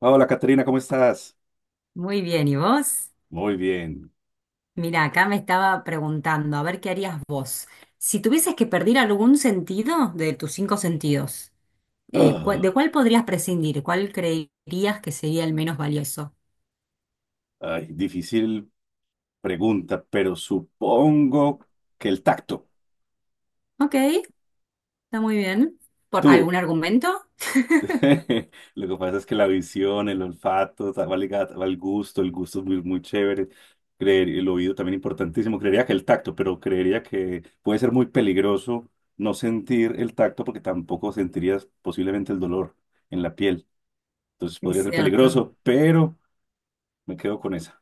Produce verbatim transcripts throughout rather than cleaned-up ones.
Hola, Caterina, ¿cómo estás? Muy bien, ¿y vos? Muy bien. Mira, acá me estaba preguntando, a ver qué harías vos. Si tuvieses que perder algún sentido de tus cinco sentidos, eh, ¿cuál- ¿de Ah, cuál podrías prescindir? ¿Cuál creerías que sería el menos valioso? ay, difícil pregunta, pero supongo que el tacto. Ok, está muy bien. ¿Por Tú. algún argumento? Lo que pasa es que la visión, el olfato, ta- va ligada al gusto, el gusto es muy, muy chévere. Creer, el oído también importantísimo. Creería que el tacto, pero creería que puede ser muy peligroso no sentir el tacto porque tampoco sentirías posiblemente el dolor en la piel. Entonces Es podría ser cierto. peligroso, pero me quedo con esa.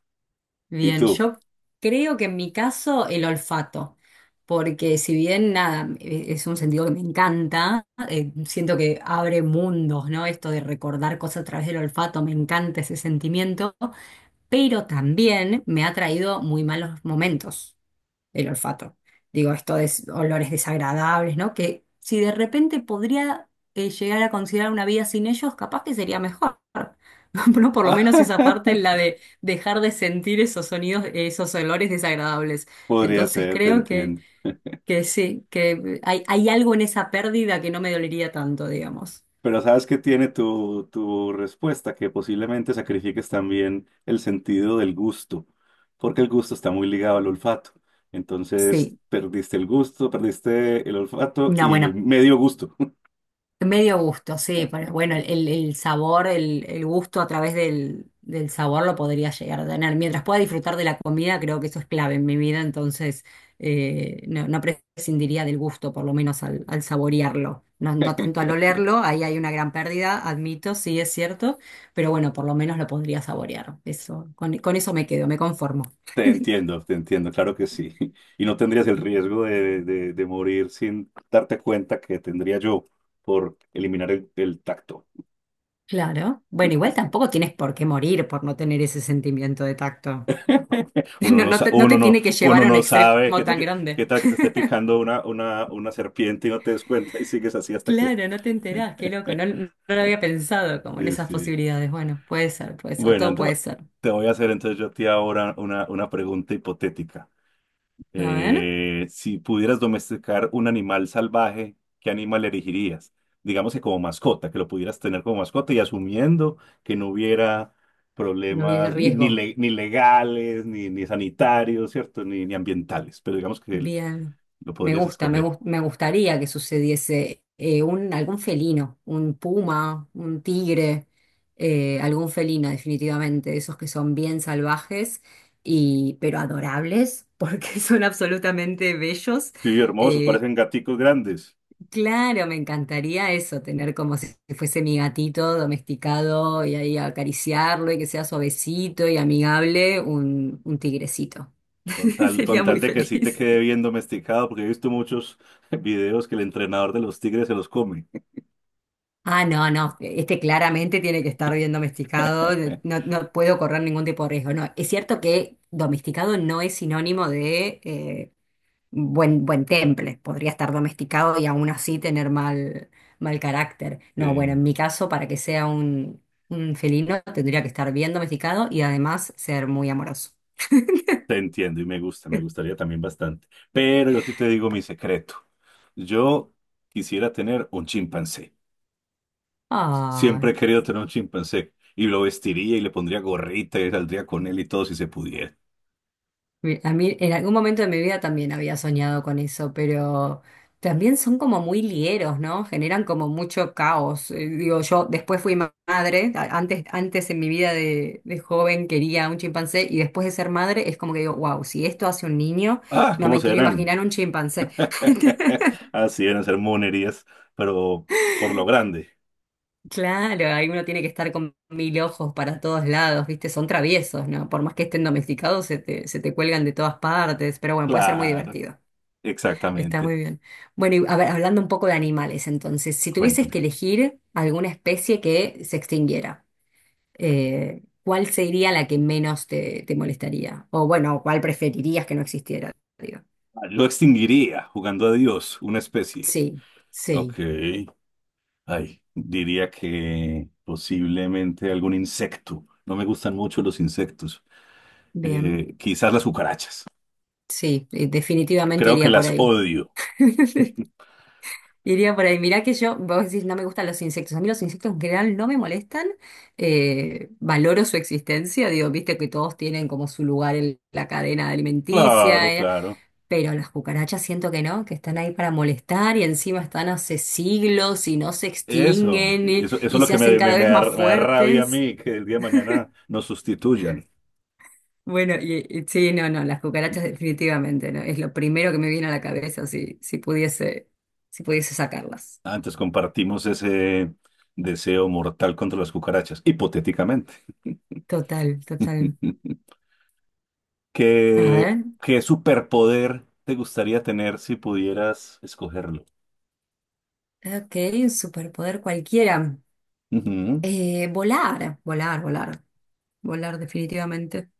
¿Y Bien, tú? yo creo que en mi caso el olfato, porque si bien nada, e- es un sentido que me encanta, eh, siento que abre mundos, ¿no? Esto de recordar cosas a través del olfato, me encanta ese sentimiento, pero también me ha traído muy malos momentos el olfato. Digo, esto de s- olores desagradables, ¿no? Que si de repente podría eh, llegar a considerar una vida sin ellos, capaz que sería mejor. No, por lo menos esa parte, la de dejar de sentir esos sonidos, esos olores desagradables. Podría Entonces ser, te creo que, entiendo. que sí, que hay, hay algo en esa pérdida que no me dolería tanto, digamos. Pero ¿sabes qué tiene tu, tu respuesta? Que posiblemente sacrifiques también el sentido del gusto, porque el gusto está muy ligado al olfato. Entonces, Sí, perdiste el gusto, perdiste el olfato una y buena. medio gusto. Medio gusto, sí, pero bueno, el, el sabor, el, el gusto a través del, del sabor lo podría llegar a tener. Mientras pueda disfrutar de la comida, creo que eso es clave en mi vida, entonces eh, no, no prescindiría del gusto, por lo menos al, al saborearlo. No, no tanto al olerlo, ahí hay una gran pérdida, admito, sí es cierto, pero bueno, por lo menos lo podría saborear. Eso, con, con eso me quedo, me conformo. Te entiendo, te entiendo, claro que sí. Y no tendrías el riesgo de, de- de morir sin darte cuenta que tendría yo por eliminar el el tacto. Claro. Bueno, igual tampoco tienes por qué morir por no tener ese sentimiento de tacto. Uno No, no, no sa- te, no uno te no, tiene que llevar uno a un no extremo sabe qué tal tan que, grande. qué tal que te esté picando una, una, una serpiente y no te des cuenta y sigues así hasta que... Claro, no te enterás, qué loco, no, no lo había pensado como en Sí, esas sí. posibilidades. Bueno, puede ser, puede ser, Bueno, todo puede ento- ser. te voy a hacer entonces yo a ti ahora una, una pregunta hipotética. A ver, Eh, si pudieras domesticar un animal salvaje, ¿qué animal elegirías? Digamos que como mascota, que lo pudieras tener como mascota y asumiendo que no hubiera no vi el problemas ni, ni, riesgo. le- ni legales, ni, ni sanitarios, ¿cierto? Ni, ni ambientales, pero digamos que Bien, lo me podrías gusta, me, escoger. gus- me gustaría que sucediese eh, un, algún felino, un puma, un tigre, eh, algún felino definitivamente, esos que son bien salvajes, y, pero adorables, porque son absolutamente bellos. Sí, hermosos, eh, parecen gaticos grandes. Claro, me encantaría eso, tener como si fuese mi gatito domesticado y ahí acariciarlo y que sea suavecito y amigable, un, un tigrecito. Con tal, con Sería tal muy de que sí te feliz. quede bien domesticado, porque he visto muchos videos que el entrenador de los tigres se los come. Ah, no, no, este claramente tiene que estar bien domesticado, eh, no, no puedo correr ningún tipo de riesgo. No, es cierto que domesticado no es sinónimo de eh, buen, buen temple, podría estar domesticado y aún así tener mal, mal carácter. No, bueno, Sí, en mi caso, para que sea un, un felino, tendría que estar bien domesticado y además ser muy amoroso. te entiendo y me gusta, me gustaría también bastante. Pero yo sí te digo mi secreto. Yo quisiera tener un chimpancé. Siempre he Ay, querido tener un chimpancé y lo vestiría y le pondría gorrita y saldría con él y todo si se pudiera. Mi- a mí en algún momento de mi vida también había soñado con eso, pero también son como muy lieros, ¿no? Generan como mucho caos. Eh, digo, yo después fui ma- madre, a- antes, antes en mi vida de, de joven quería un chimpancé y después de ser madre es como que digo, wow, si esto hace un niño, Ah, no ¿cómo me quiero serán? imaginar un chimpancé. Así eran ser monerías, pero por lo grande. Claro, ahí uno tiene que estar con mil ojos para todos lados, ¿viste? Son traviesos, ¿no? Por más que estén domesticados, se te, se te cuelgan de todas partes, pero bueno, puede ser muy Claro, divertido. Está exactamente. muy bien. Bueno, y a ver, hablando un poco de animales, entonces, si tuvieses Cuéntame. que elegir alguna especie que se extinguiera, eh, ¿cuál sería la que menos te, te molestaría? O bueno, ¿cuál preferirías que no existiera? Digo. Lo extinguiría jugando a Dios, una especie. Sí, Ok. sí, Ay, diría que posiblemente algún insecto. No me gustan mucho los insectos. bien, Eh, quizás las cucarachas. sí, eh, definitivamente Creo que iría por las ahí. odio. Iría por ahí. Mirá que yo, vos decís, no me gustan los insectos. A mí los insectos en general no me molestan. eh, valoro su existencia. Digo, viste que todos tienen como su lugar en la cadena alimenticia. Claro, eh, claro. Pero las cucarachas siento que no, que están ahí para molestar y encima están hace siglos y no se Eso, extinguen eh, eso, eso es y lo se que hacen me, me, cada me vez más da, me da rabia a fuertes. mí, que el día de mañana nos sustituyan. Bueno, y, y sí, no, no, las cucarachas definitivamente, ¿no? Es lo primero que me viene a la cabeza si, si pudiese, si pudiese sacarlas. Antes compartimos ese deseo mortal contra las cucarachas, hipotéticamente. Total, total. A ¿Qué, ver, qué superpoder te gustaría tener si pudieras escogerlo? ok, un superpoder cualquiera. Ujú. Eh, volar, volar, volar, volar definitivamente.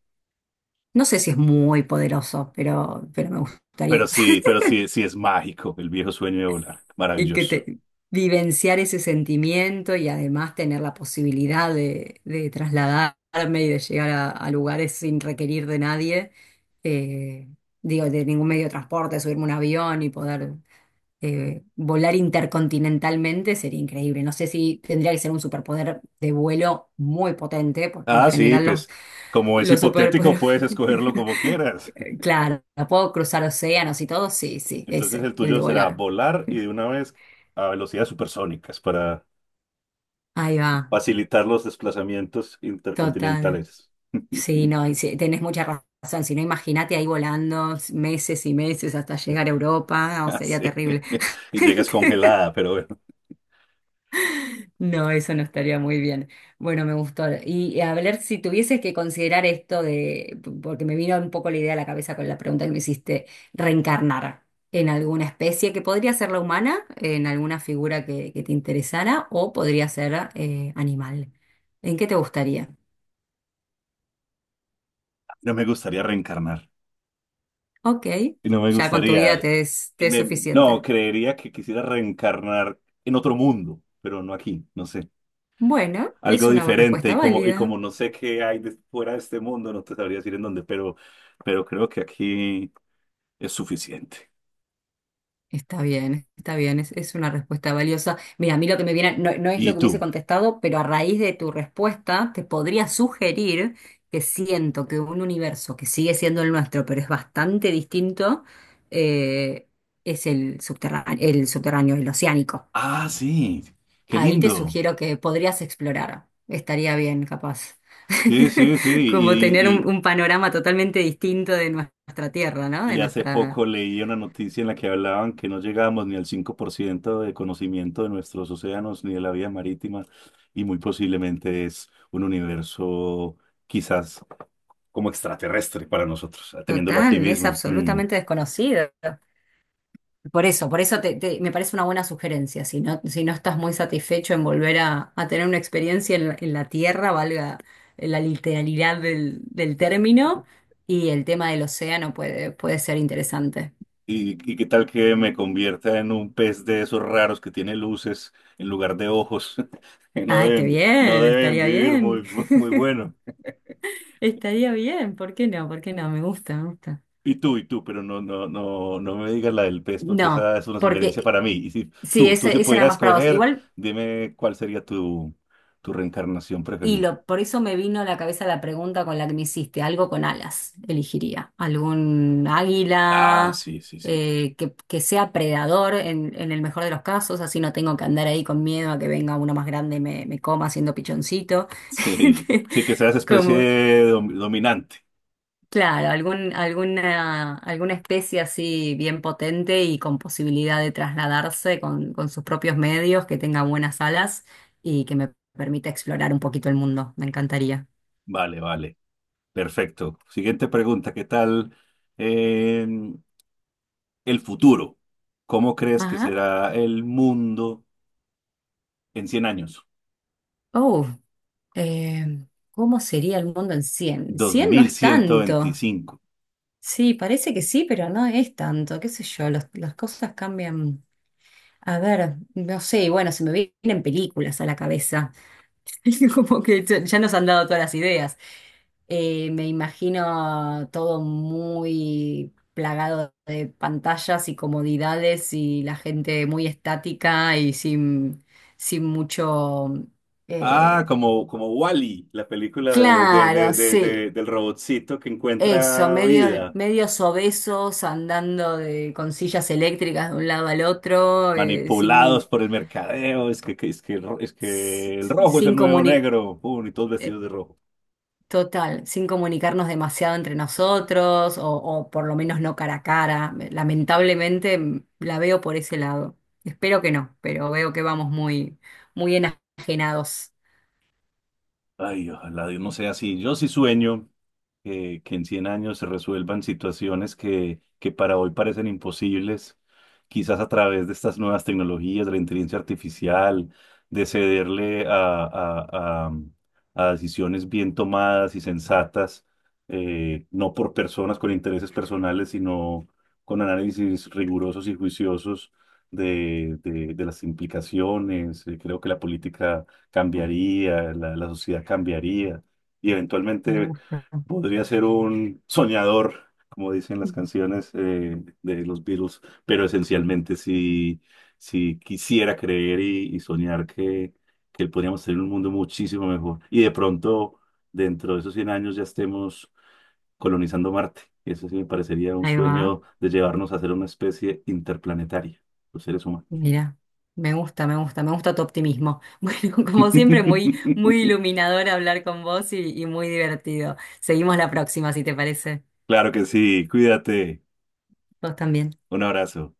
No sé si es muy poderoso, pero, pero me Pero gustaría. sí, pero sí, sí es mágico el viejo sueño de volar. y que Maravilloso. te- vivenciar ese sentimiento y además tener la posibilidad de, de trasladarme y de llegar a, a lugares sin requerir de nadie, eh, digo, de ningún medio de transporte, subirme a un avión y poder eh, volar intercontinentalmente sería increíble. No sé si tendría que ser un superpoder de vuelo muy potente, porque en Ah, sí, general los, pues como es los hipotético, superpoderes... puedes escogerlo como quieras. Claro, ¿puedo cruzar océanos y todo? Sí, sí, Entonces ese, el el de tuyo será volar. volar y de una vez a velocidades supersónicas para Ahí va, facilitar los desplazamientos total. intercontinentales. Sí, no, y sí, tenés mucha razón. Si no, imagínate ahí volando meses y meses hasta llegar a Europa, o Ah, sería sí. terrible. Y llegas congelada, pero bueno, No, eso no estaría muy bien. Bueno, me gustó. Y a ver si tuvieses que considerar esto de, porque me vino un poco la idea a la cabeza con la pregunta que me hiciste, reencarnar en alguna especie que podría ser la humana, en alguna figura que, que te interesara, o podría ser eh, animal. ¿En qué te gustaría? no me gustaría reencarnar. Ok, Y no me ya con tu vida gustaría. te es, te es me- no, suficiente. creería que quisiera reencarnar en otro mundo, pero no aquí, no sé. Bueno, es Algo una diferente y respuesta como, y válida. como no sé qué hay de- fuera de este mundo, no te sabría decir en dónde, pero, pero creo que aquí es suficiente. Está bien, está bien, es, es una respuesta valiosa. Mira, a mí lo que me viene, no, no es lo ¿Y que hubiese tú? contestado, pero a raíz de tu respuesta te podría sugerir que siento que un universo que sigue siendo el nuestro, pero es bastante distinto, eh, es el subterráneo, el subterráneo, el oceánico. Ah, sí, qué Ahí te lindo. sugiero que podrías explorar. Estaría bien, capaz. Sí, sí, sí. Como tener Y, un, y, un panorama totalmente distinto de nuestra tierra, ¿no? De y hace nuestra, poco leí una noticia en la que hablaban que no llegábamos ni al cinco por ciento de conocimiento de nuestros océanos ni de la vida marítima y muy posiblemente es un universo quizás, como extraterrestre para nosotros, teniéndolo aquí total, es mismo. Mm. absolutamente desconocido. Por eso, por eso te- te- me parece una buena sugerencia. Si no, si no estás muy satisfecho en volver a, a tener una experiencia en, la en la tierra, valga la literalidad del, del término, y el tema del océano puede, puede ser interesante. ¿Y, y qué tal que me convierta en un pez de esos raros que tiene luces en lugar de ojos? Que No Ay, qué deben, no bien, deben estaría vivir bien, muy, muy bueno. estaría bien. ¿Por qué no? ¿Por qué no? Me gusta, me gusta. Y tú, y tú, pero no, no, no, no me digas la del pez porque No, esa es una sugerencia porque para mí. Y si sí, tú, tú ese, si ese era pudieras más para vos. coger, Igual. dime cuál sería tu, tu reencarnación Y preferida. lo, por eso me vino a la cabeza la pregunta con la que me hiciste, algo con alas, elegiría, algún Ah, águila sí, sí, sí. eh, que, que sea predador en, en el mejor de los casos, así no tengo que andar ahí con miedo a que venga uno más grande y me, me coma siendo pichoncito. Sí, sí, que seas especie Como, de dom- dominante. claro, algún, alguna, alguna especie así bien potente y con posibilidad de trasladarse con, con sus propios medios, que tenga buenas alas y que me permita explorar un poquito el mundo, me encantaría. Vale, vale. Perfecto. Siguiente pregunta, ¿qué tal eh, el futuro? ¿Cómo crees que Ajá. será el mundo en cien años? Oh, eh, ¿cómo sería el mundo en cien? Dos Cien no mil es ciento tanto. veinticinco. Sí, parece que sí, pero no es tanto. ¿Qué sé yo? los- las cosas cambian. A ver, no sé, bueno, se me vienen películas a la cabeza. Como que ya ya nos han dado todas las ideas. Eh, me imagino todo muy plagado de pantallas y comodidades y la gente muy estática y sin, sin mucho... Ah, eh, como, como Wall-E, la película de, de- de- Claro, de- sí, de- del robotcito que eso, encuentra medio, vida, medios obesos andando de, con sillas eléctricas de un lado al otro, eh, manipulados sin, por el mercadeo, es que, que- es que, el ro- es que el rojo es el sin nuevo comuni- negro, pum, y todos vestidos de rojo. total, sin comunicarnos demasiado entre nosotros, o, o por lo menos no cara a cara. Lamentablemente mm, la veo por ese lado. Espero que no, pero veo que vamos muy, muy enajenados. Ay, ojalá Dios no sea así. Yo sí sueño que, que en cien años se resuelvan situaciones que, que para hoy parecen imposibles, quizás a través de estas nuevas tecnologías, de la inteligencia artificial, de cederle a, a- a- a decisiones bien tomadas y sensatas, eh, no por personas con intereses personales, sino con análisis rigurosos y juiciosos de, de- de las implicaciones. Eh, Creo que la política cambiaría, la, la sociedad cambiaría y Me eventualmente gusta. podría ser un soñador, como dicen las canciones eh, de los Beatles, pero esencialmente si, si quisiera creer y, y soñar que, que podríamos tener un mundo muchísimo mejor y de pronto dentro de esos cien años ya estemos colonizando Marte. Eso sí me parecería un Ahí va. sueño de llevarnos a ser una especie interplanetaria, los seres humanos. Mira, me gusta, me gusta, me gusta tu optimismo. Bueno, como siempre, muy, muy iluminador hablar con vos y, y muy divertido. Seguimos la próxima, si te parece. Claro que sí, cuídate. Vos también. Un abrazo.